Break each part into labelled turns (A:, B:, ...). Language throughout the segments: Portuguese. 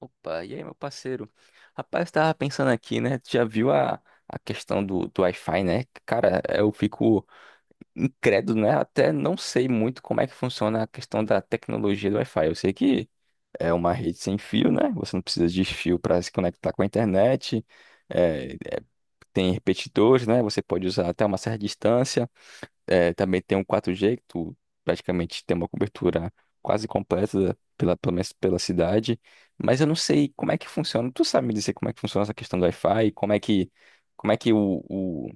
A: Opa, e aí, meu parceiro? Rapaz, eu tava pensando aqui, né? Tu já viu a questão do Wi-Fi, né? Cara, eu fico incrédulo, né? Até não sei muito como é que funciona a questão da tecnologia do Wi-Fi. Eu sei que é uma rede sem fio, né? Você não precisa de fio para se conectar com a internet. É, tem repetidores, né? Você pode usar até uma certa distância. É, também tem um 4G, que tu praticamente tem uma cobertura quase completa pela, pelo menos pela cidade. Mas eu não sei como é que funciona. Tu sabe me dizer como é que funciona essa questão do Wi-Fi? Como é que o, o,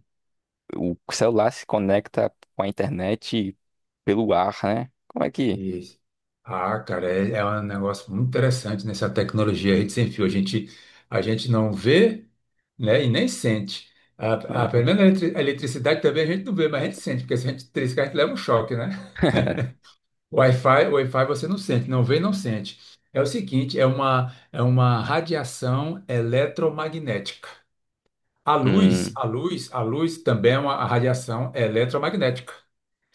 A: o celular se conecta com a internet pelo ar, né? Como é que.
B: Isso. Ah, cara, é um negócio muito interessante nessa tecnologia rede sem fio. A gente não vê, né, e nem sente. A, pelo
A: Aham.
B: menos a a eletricidade também a gente não vê, mas a gente sente, porque se a gente triscar, a gente leva um choque, né? O Wi-Fi você não sente, não vê, não sente. É o seguinte, é uma radiação eletromagnética. A luz,
A: Hum,
B: a luz, a luz também é uma radiação eletromagnética.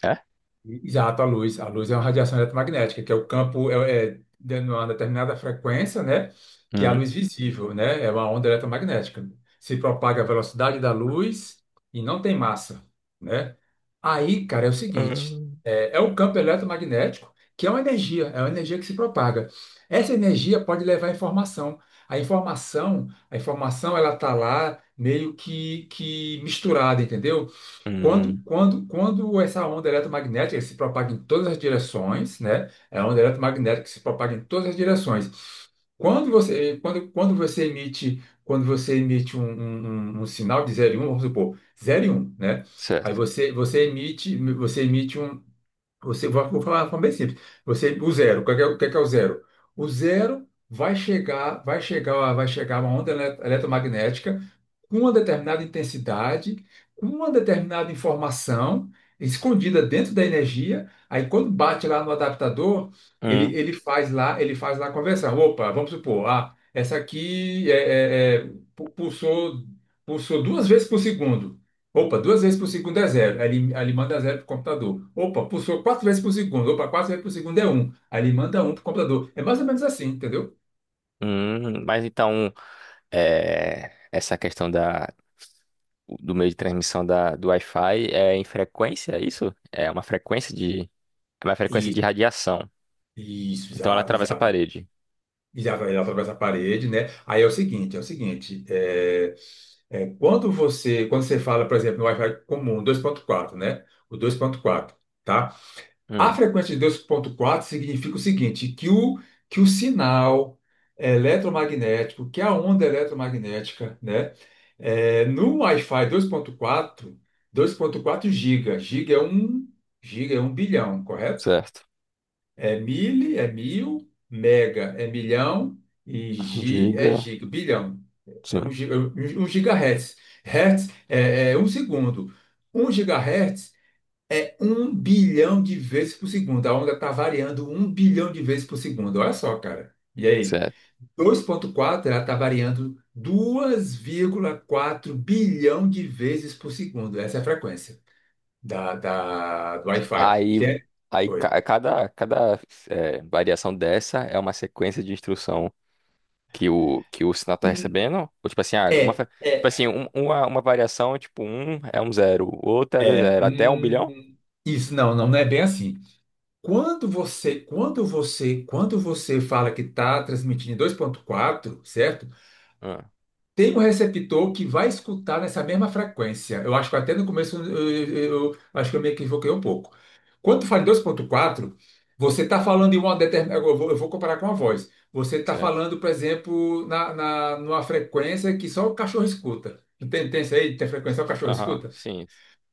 A: é?
B: Exato, a luz. A luz é uma radiação eletromagnética, que é o campo, de uma determinada frequência, né? Que é a
A: Hum.
B: luz visível, né? É uma onda eletromagnética. Se propaga a velocidade da luz e não tem massa, né? Aí, cara, é o seguinte:
A: Hum,
B: o campo eletromagnético, que é uma energia que se propaga. Essa energia pode levar informação. A informação, ela tá lá meio que misturada, entendeu? Quando,
A: hum,
B: quando, quando essa onda eletromagnética se propaga em todas as direções, né? É a onda eletromagnética que se propaga em todas as direções. Quando você, quando, quando você emite um sinal de zero e um, vamos supor, zero e um, né? Aí
A: certo.
B: você, você emite um, você, vou falar de forma bem simples. Você, o zero, o que é o zero? O zero vai chegar uma onda eletromagnética com uma determinada intensidade, com uma determinada informação escondida dentro da energia. Aí quando bate lá no adaptador, ele,
A: Hum,
B: ele faz lá, ele faz lá a conversão. Opa, vamos supor, ah, essa aqui pulsou duas vezes por segundo. Opa, duas vezes por segundo é zero. Aí ele manda zero para o computador. Opa, pulsou quatro vezes por segundo. Opa, quatro vezes por segundo é um. Aí ele manda um para o computador. É mais ou menos assim, entendeu?
A: mas então. É, essa questão do meio de transmissão do Wi-Fi é em frequência, é isso? É uma frequência de
B: Isso,
A: radiação.
B: isso,
A: Então ela atravessa a
B: exato.
A: parede.
B: Exato, ele atravessa a parede, né? Aí é o seguinte. Quando você fala, por exemplo, no Wi-Fi comum, dois ponto quatro, né? O dois ponto quatro, tá? A
A: Hum,
B: frequência de 2.4 significa o seguinte, que o sinal eletromagnético, que é a onda eletromagnética, né, é, no Wi-Fi 2.4, 2.4 giga é um, giga é um bilhão, correto?
A: certo.
B: É mil, mega é milhão e gi é
A: Giga.
B: giga, bilhão. É
A: Sim,
B: um, giga- um um gigahertz. Hertz é um segundo. Um gigahertz é um bilhão de vezes por segundo. A onda está variando um bilhão de vezes por segundo. Olha só, cara. E aí?
A: certo.
B: 2,4 ela está variando dois vírgula quatro bilhão de vezes por segundo. Essa é a frequência do Wi-Fi.
A: Aí, aí,
B: Oi.
A: cada é, variação dessa é uma sequência de instrução que o sinal está
B: Hum,
A: recebendo. Ou tipo assim, ah,
B: É,
A: tipo
B: é,
A: assim uma variação, tipo, um é um zero, outra é dois
B: é.
A: zero, até 1 bilhão?
B: hum, Isso, não, não, não é bem assim. Quando você fala que está transmitindo em dois vírgula quatro, certo?
A: Hum,
B: Tem um receptor que vai escutar nessa mesma frequência. Eu acho que até no começo eu acho que eu me equivoquei um pouco. Quando tu fala em 2.4, você está falando em uma determinada. Eu vou comparar com a voz. Você está
A: certo.
B: falando, por exemplo, numa frequência que só o cachorro escuta. Não. Tem isso aí? Tem frequência que só o cachorro.
A: Aham, sim.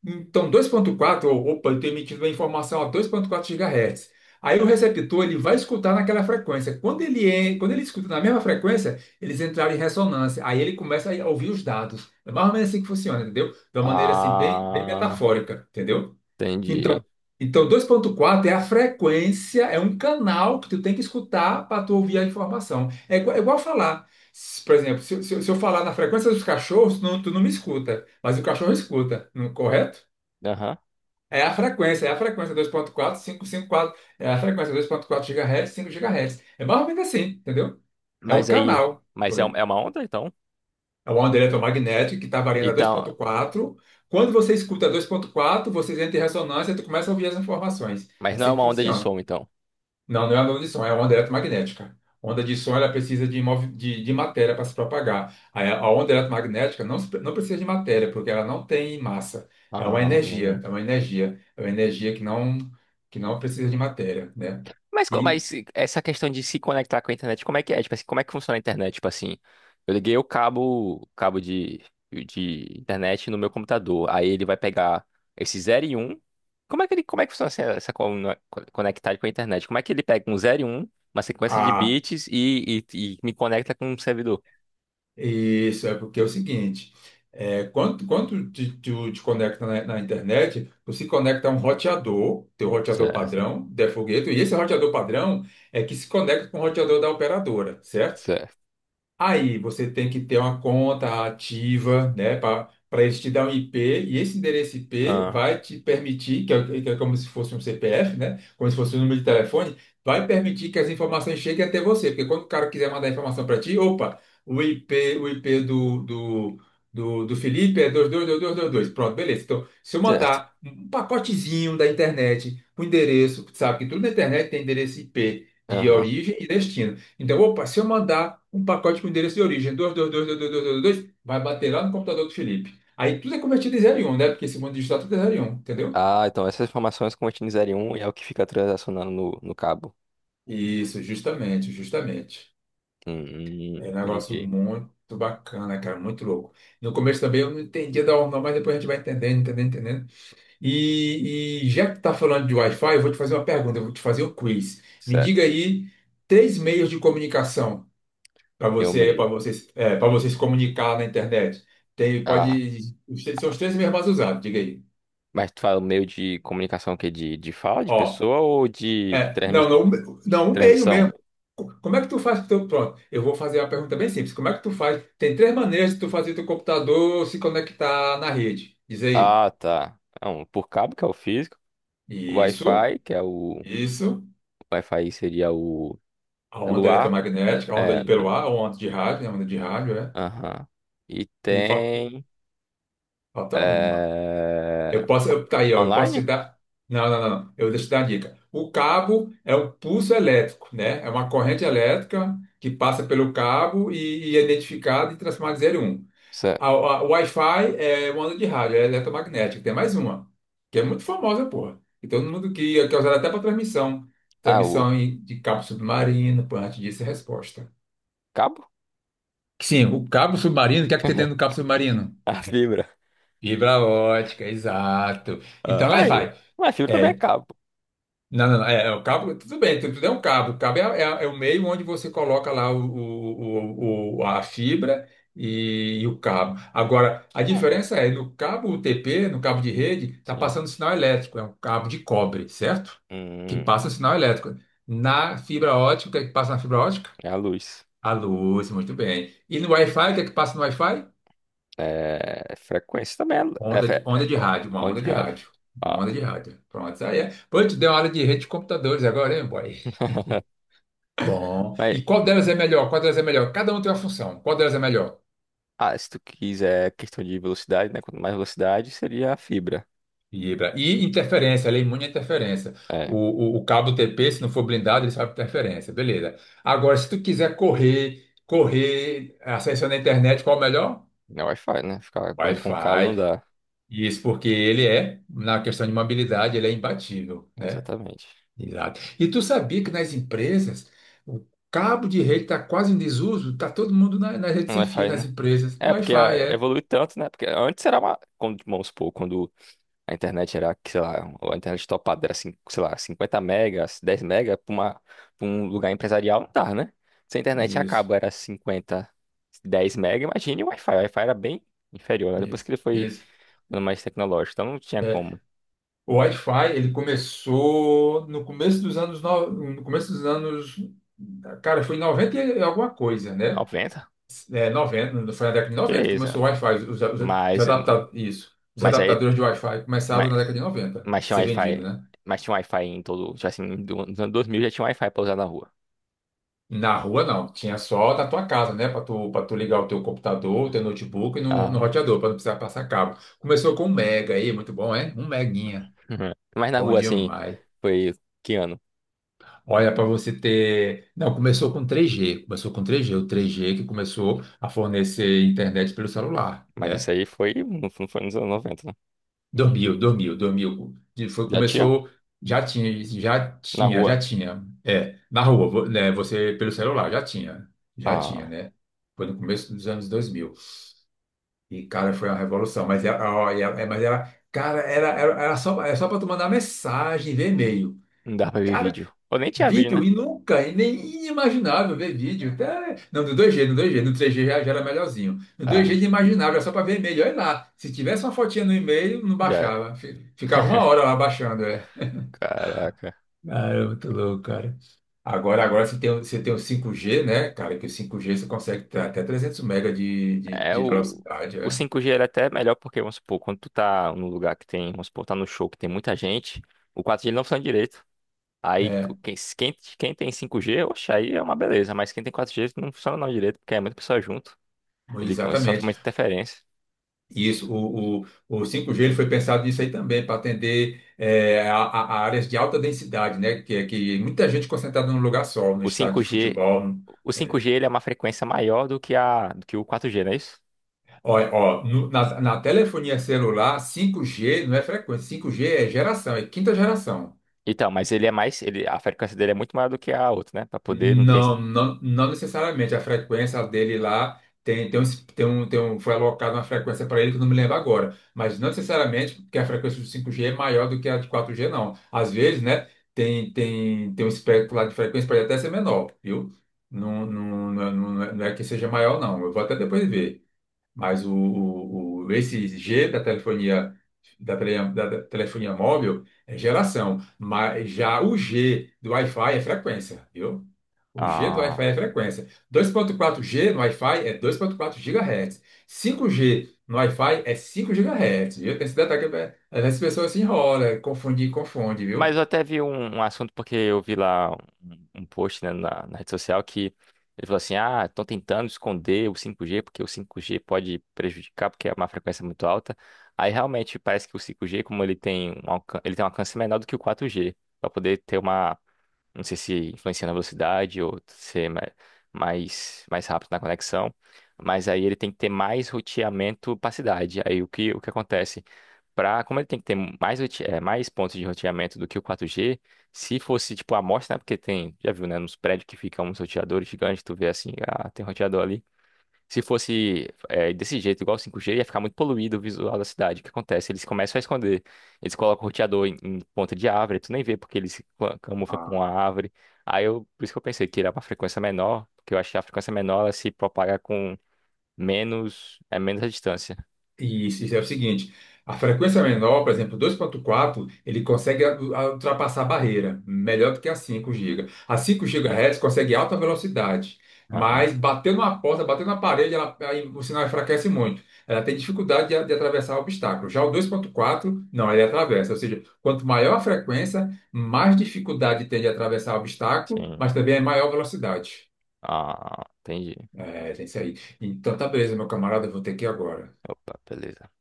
B: Então, 2.4, opa, ele está emitindo uma informação a 2.4 GHz. Aí o receptor ele vai escutar naquela frequência. Quando ele escuta na mesma frequência, eles entraram em ressonância. Aí ele começa a ouvir os dados. É mais ou menos assim que funciona, entendeu? De uma maneira assim, bem, bem
A: Ah,
B: metafórica, entendeu? Então,
A: entendi.
B: então 2.4 é a frequência, é um canal que tu tem que escutar para tu ouvir a informação. É igual falar. Por exemplo, se eu falar na frequência dos cachorros, tu não me escuta, mas o cachorro escuta, não, correto?
A: Aham.
B: É a frequência 2.4, 554, é a frequência 2.4 GHz, 5 GHz. É mais ou menos assim, entendeu? É um
A: Mas aí.
B: canal.
A: Mas é,
B: Oi.
A: é uma onda, então?
B: É uma onda eletromagnética que está variando a
A: Então.
B: 2.4. Quando você escuta 2.4, você entra em ressonância e tu começa a ouvir as informações. É
A: Mas não é
B: assim que
A: uma onda de
B: funciona.
A: som, então.
B: Não, não é onda de som, é onda eletromagnética. Onda de som, ela precisa de matéria para se propagar. A onda eletromagnética não, não precisa de matéria, porque ela não tem massa. É uma
A: Ah.
B: energia,
A: Hum.
B: é uma energia, é uma energia que não precisa de matéria, né?
A: Mas, co-
B: E
A: mas essa questão de se conectar com a internet, como é que é? Tipo assim, como é que funciona a internet? Tipo assim, eu liguei o cabo, cabo de internet no meu computador. Aí ele vai pegar esse zero e um. Como é que funciona conectar com a internet? Como é que ele pega um zero e 1, uma sequência de
B: a,
A: bits e me conecta com um servidor?
B: isso é porque é o seguinte, quando tu te conecta na internet, tu se conecta a um roteador, teu roteador
A: Certo,
B: padrão, de foguete, e esse roteador padrão é que se conecta com o roteador da operadora, certo?
A: certo.
B: Aí você tem que ter uma conta ativa, né, para eles te dar um IP, e esse endereço IP
A: Ah,
B: vai te permitir, que é como se fosse um CPF, né, como se fosse um número de telefone, vai permitir que as informações cheguem até você, porque quando o cara quiser mandar informação para ti, opa, o IP, o IP do Felipe é dois dois dois dois dois dois. Pronto, beleza. Então, se eu
A: certo.
B: mandar um pacotezinho da internet, o endereço, sabe que tudo na internet tem endereço IP de
A: Aham.
B: origem e destino. Então, opa, se eu mandar um pacote com endereço de origem 22222222, vai bater lá no computador do Felipe. Aí tudo é convertido em zero e 1, né? Porque esse mundo digital tudo é zero e 1, entendeu?
A: Ah, então essas informações contêm 0 e um e é o que fica transacionando no cabo.
B: Isso, justamente, justamente.
A: Hum,
B: É um negócio
A: entendi.
B: muito bacana, cara, muito louco. No começo também eu não entendia da onda, mas depois a gente vai entendendo, entendendo, entendendo. E já que tá falando de Wi-Fi, eu vou te fazer um quiz. Me
A: Certo.
B: diga aí três meios de comunicação
A: Deu meio.
B: para você se comunicar na internet. Tem,
A: Ah,
B: pode, são os três meios mais usados, diga aí.
A: mas tu fala o meio de comunicação o quê? De fala de
B: Ó,
A: pessoa ou de transmi-
B: não, não, não, o meio
A: transmissão?
B: mesmo. Como é que tu faz com o teu, pronto, eu vou fazer uma pergunta bem simples. Como é que tu faz? Tem três maneiras de tu fazer teu computador se conectar na rede. Diz aí.
A: Ah, tá. Não, por cabo, que é o físico. O
B: Isso,
A: Wi-Fi, que é o. O
B: isso.
A: Wi-Fi seria o.
B: A onda
A: Pelo ar.
B: eletromagnética, a onda
A: É.
B: de pelo
A: pelo-
B: ar, a onda de rádio, né, a onda de rádio, é.
A: Aham. E
B: E fa-
A: tem.
B: falta um.
A: É...
B: Eu posso, eu, tá aí, ó, eu posso te
A: Online?
B: dar. Não, não, não, não. Eu deixo te dar a dica. O cabo é um pulso elétrico, né? É uma corrente elétrica que passa pelo cabo e é identificada e transformada em zero e um.
A: Isso-
B: O Wi-Fi é uma onda de rádio, é eletromagnética. Tem mais uma, que é muito famosa, porra. E todo mundo que é usada até para transmissão.
A: Ah, o.
B: Transmissão de cabo submarino, pô, antes disso, é a resposta.
A: Cabo?
B: Sim, o cabo submarino, o que é que tem dentro do cabo submarino?
A: A fibra.
B: Fibra ótica, exato.
A: Ah,
B: Então, lá
A: aí.
B: vai.
A: Mas fibra também é
B: É,
A: cabo.
B: Não, não, não. O cabo, tudo bem, tudo, é um cabo. O cabo é, é o meio onde você coloca lá a fibra e o cabo. Agora, a
A: Ah,
B: diferença é, no cabo UTP, no cabo de rede, está
A: sim.
B: passando sinal elétrico, é um cabo de cobre, certo? Que
A: Hum,
B: passa o sinal elétrico. Na fibra ótica, o que é que passa na fibra ótica?
A: é a luz.
B: A luz, muito bem. E no Wi-Fi, o que é que passa no Wi-Fi?
A: É, frequência também é, é, fre-
B: Onda
A: é
B: de
A: ó,
B: rádio, uma
A: onda
B: onda
A: de
B: de
A: rádio.
B: rádio. Uma onda
A: Ah,
B: de rádio. Pronto, isso aí é. Pô, tu deu uma aula de rede de computadores agora, hein, boy? Bom.
A: mas,
B: E qual delas é melhor? Qual delas é melhor? Cada um tem uma função. Qual delas é melhor?
A: ah, se tu quiser questão de velocidade, né? Quanto mais velocidade, seria a fibra.
B: Vibra. E interferência, ela é imune à interferência. O,
A: É,
B: o cabo TP, se não for blindado, ele sabe interferência. Beleza. Agora, se tu quiser correr, acesso na internet, qual é o melhor?
A: não é Wi-Fi, né? Ficar correndo com cabo não
B: Wi-Fi.
A: dá.
B: Isso porque ele é, na questão de mobilidade, ele é imbatível, né?
A: Exatamente.
B: Exato. E tu sabia que nas empresas, o cabo de rede está quase em desuso, está todo mundo nas redes
A: Não é
B: sem fio,
A: Wi-Fi,
B: nas
A: né?
B: empresas.
A: É, porque
B: Wi-Fi,
A: ah,
B: é.
A: evolui tanto, né? Porque antes era uma. Quando, vamos supor, quando a internet era, que, sei lá, a internet topada era, cin- sei lá, 50 megas, 10 mega para uma, pra um lugar empresarial não dá, né? Se a internet
B: Isso.
A: acaba, era 50, 10 mega, imagine o Wi-Fi. O Wi-Fi era bem inferior, né? Depois que
B: Isso,
A: ele foi
B: isso.
A: ficando mais tecnológico, então não tinha
B: É,
A: como.
B: o Wi-Fi, ele começou no começo dos anos, no começo dos anos, cara, foi em 90 e alguma coisa, né?
A: 90?
B: É, 90, foi na década de
A: Que
B: 90 que
A: é isso? Né?
B: começou o Wi-Fi, os
A: Mas,
B: adapta, isso, os
A: mas aí,
B: adaptadores de Wi-Fi começaram
A: mas,
B: na década de 90 a
A: mas tinha
B: ser vendido,
A: Wi-Fi,
B: né?
A: mas tinha Wi-Fi em todo, já assim, do- nos anos 2000 já tinha Wi-Fi pra usar na rua.
B: Na rua não, tinha só na tua casa, né? Para tu ligar o teu computador, o teu notebook e no
A: Ah,
B: roteador, para não precisar passar cabo. Começou com um mega aí, muito bom, é? Um meguinha.
A: mas na
B: Bom
A: rua, assim,
B: demais.
A: foi que ano?
B: Olha, para você ter. Não, começou com 3G. Começou com três g. O 3G que começou a fornecer internet pelo celular,
A: Mas isso
B: né?
A: aí foi, não foi nos anos 90.
B: 2000, 2000, 2000. Foi,
A: Já tinha?
B: começou. Já tinha, já
A: Na
B: tinha,
A: rua.
B: já tinha. É, na rua, né, você pelo celular, já tinha. Já tinha,
A: Ah,
B: né? Foi no começo dos anos 2000. E, cara, foi uma revolução. Mas, era, ó, mas era. Cara, era só para tu mandar mensagem, ver e-mail.
A: não dá pra ver vídeo. Ou nem tinha vídeo,
B: Vídeo
A: né?
B: e nunca, e nem inimaginável ver vídeo. Até... Não, no 2G, no dois g, no 3G já, já era melhorzinho. No dois g
A: Ah,
B: inimaginável, era só para ver e-mail. Olha lá, se tivesse uma fotinha no e-mail, não
A: já.
B: baixava. Ficava uma hora lá baixando, é.
A: Caraca.
B: Ah, é muito louco, cara. Agora, agora você tem, você tem o 5G, né, cara? Que o 5G você consegue ter até 300 mega
A: É,
B: de
A: o,
B: velocidade,
A: o
B: é.
A: 5G era até melhor porque, vamos supor, quando tu tá num lugar que tem, vamos supor, tá no show que tem muita gente, o 4G ele não funciona direito. Aí,
B: É,
A: quem tem 5G oxe, aí é uma beleza, mas quem tem 4G não funciona não direito, porque é muita pessoa junto. Ele sofre
B: exatamente.
A: muita interferência.
B: Isso, o 5G ele foi pensado nisso aí também, para atender a áreas de alta densidade, né? Que, é que muita gente concentrada num lugar só, no
A: O
B: estádio
A: cinco
B: de
A: g
B: futebol.
A: o cinco
B: Eh,
A: g ele é uma frequência maior do que do que o 4G, não é isso?
B: ó, ó, na telefonia celular, 5G não é frequência, 5G é geração, é quinta geração.
A: Então, mas ele é mais, ele, a frequência dele é muito maior do que a outra, né? Pra poder não ter.
B: Não, não, não necessariamente. A frequência dele lá foi alocada uma frequência para ele que eu não me lembro agora. Mas não necessariamente porque a frequência do 5G é maior do que a de 4G, não. Às vezes, né, tem um espectro lá de frequência pode até ser menor, viu? Não, não, não, não é que seja maior, não. Eu vou até depois ver. Mas esse G da telefonia, da telefonia móvel é geração. Mas já o G do Wi-Fi é frequência, viu? O G do
A: Ah,
B: Wi-Fi é frequência. 2.4G no Wi-Fi é 2.4 GHz. 5G no Wi-Fi é 5 GHz, viu? Tem esse detalhe que é, às vezes as pessoas se enrolam, confunde, confunde,
A: mas
B: viu?
A: eu até vi um assunto, porque eu vi lá um post, né, na rede social que ele falou assim: ah, estão tentando esconder o 5G, porque o 5G pode prejudicar, porque é uma frequência muito alta. Aí realmente parece que o 5G, como ele tem um alcance, ele tem um alcance menor do que o 4G, para poder ter uma não sei se influencia na velocidade ou ser mais rápido na conexão. Mas aí ele tem que ter mais roteamento para cidade. Aí o que acontece? Pra, como ele tem que ter mais pontos de roteamento do que o 4G, se fosse tipo a amostra, né? Porque tem, já viu, né? Nos prédios que ficam uns roteadores gigantes, tu vê assim, ah, tem um roteador ali. Se fosse desse jeito, igual o 5G ia ficar muito poluído o visual da cidade. O que acontece? Eles começam a esconder. Eles colocam o roteador em ponta de árvore, tu nem vê porque eles se camufla com a
B: Ah,
A: árvore. Por isso que eu pensei que era uma frequência menor, porque eu acho que a frequência menor ela se propaga com menos, é menos a distância.
B: E isso é o seguinte, a frequência menor, por exemplo, dois ponto quatro, ele consegue ultrapassar a barreira, melhor do que a 5 GB. A 5 GHz consegue alta velocidade,
A: Aham,
B: mas batendo na porta, batendo na parede, ela, aí o sinal enfraquece muito. Ela tem dificuldade de, de atravessar o obstáculo. Já o dois ponto quatro, não, ele atravessa. Ou seja, quanto maior a frequência, mais dificuldade tem de atravessar o obstáculo,
A: sim.
B: mas também é maior velocidade.
A: Ah, entendi.
B: É, tem isso aí. Então, tá beleza, meu camarada, eu vou ter que ir agora.
A: Opa, beleza.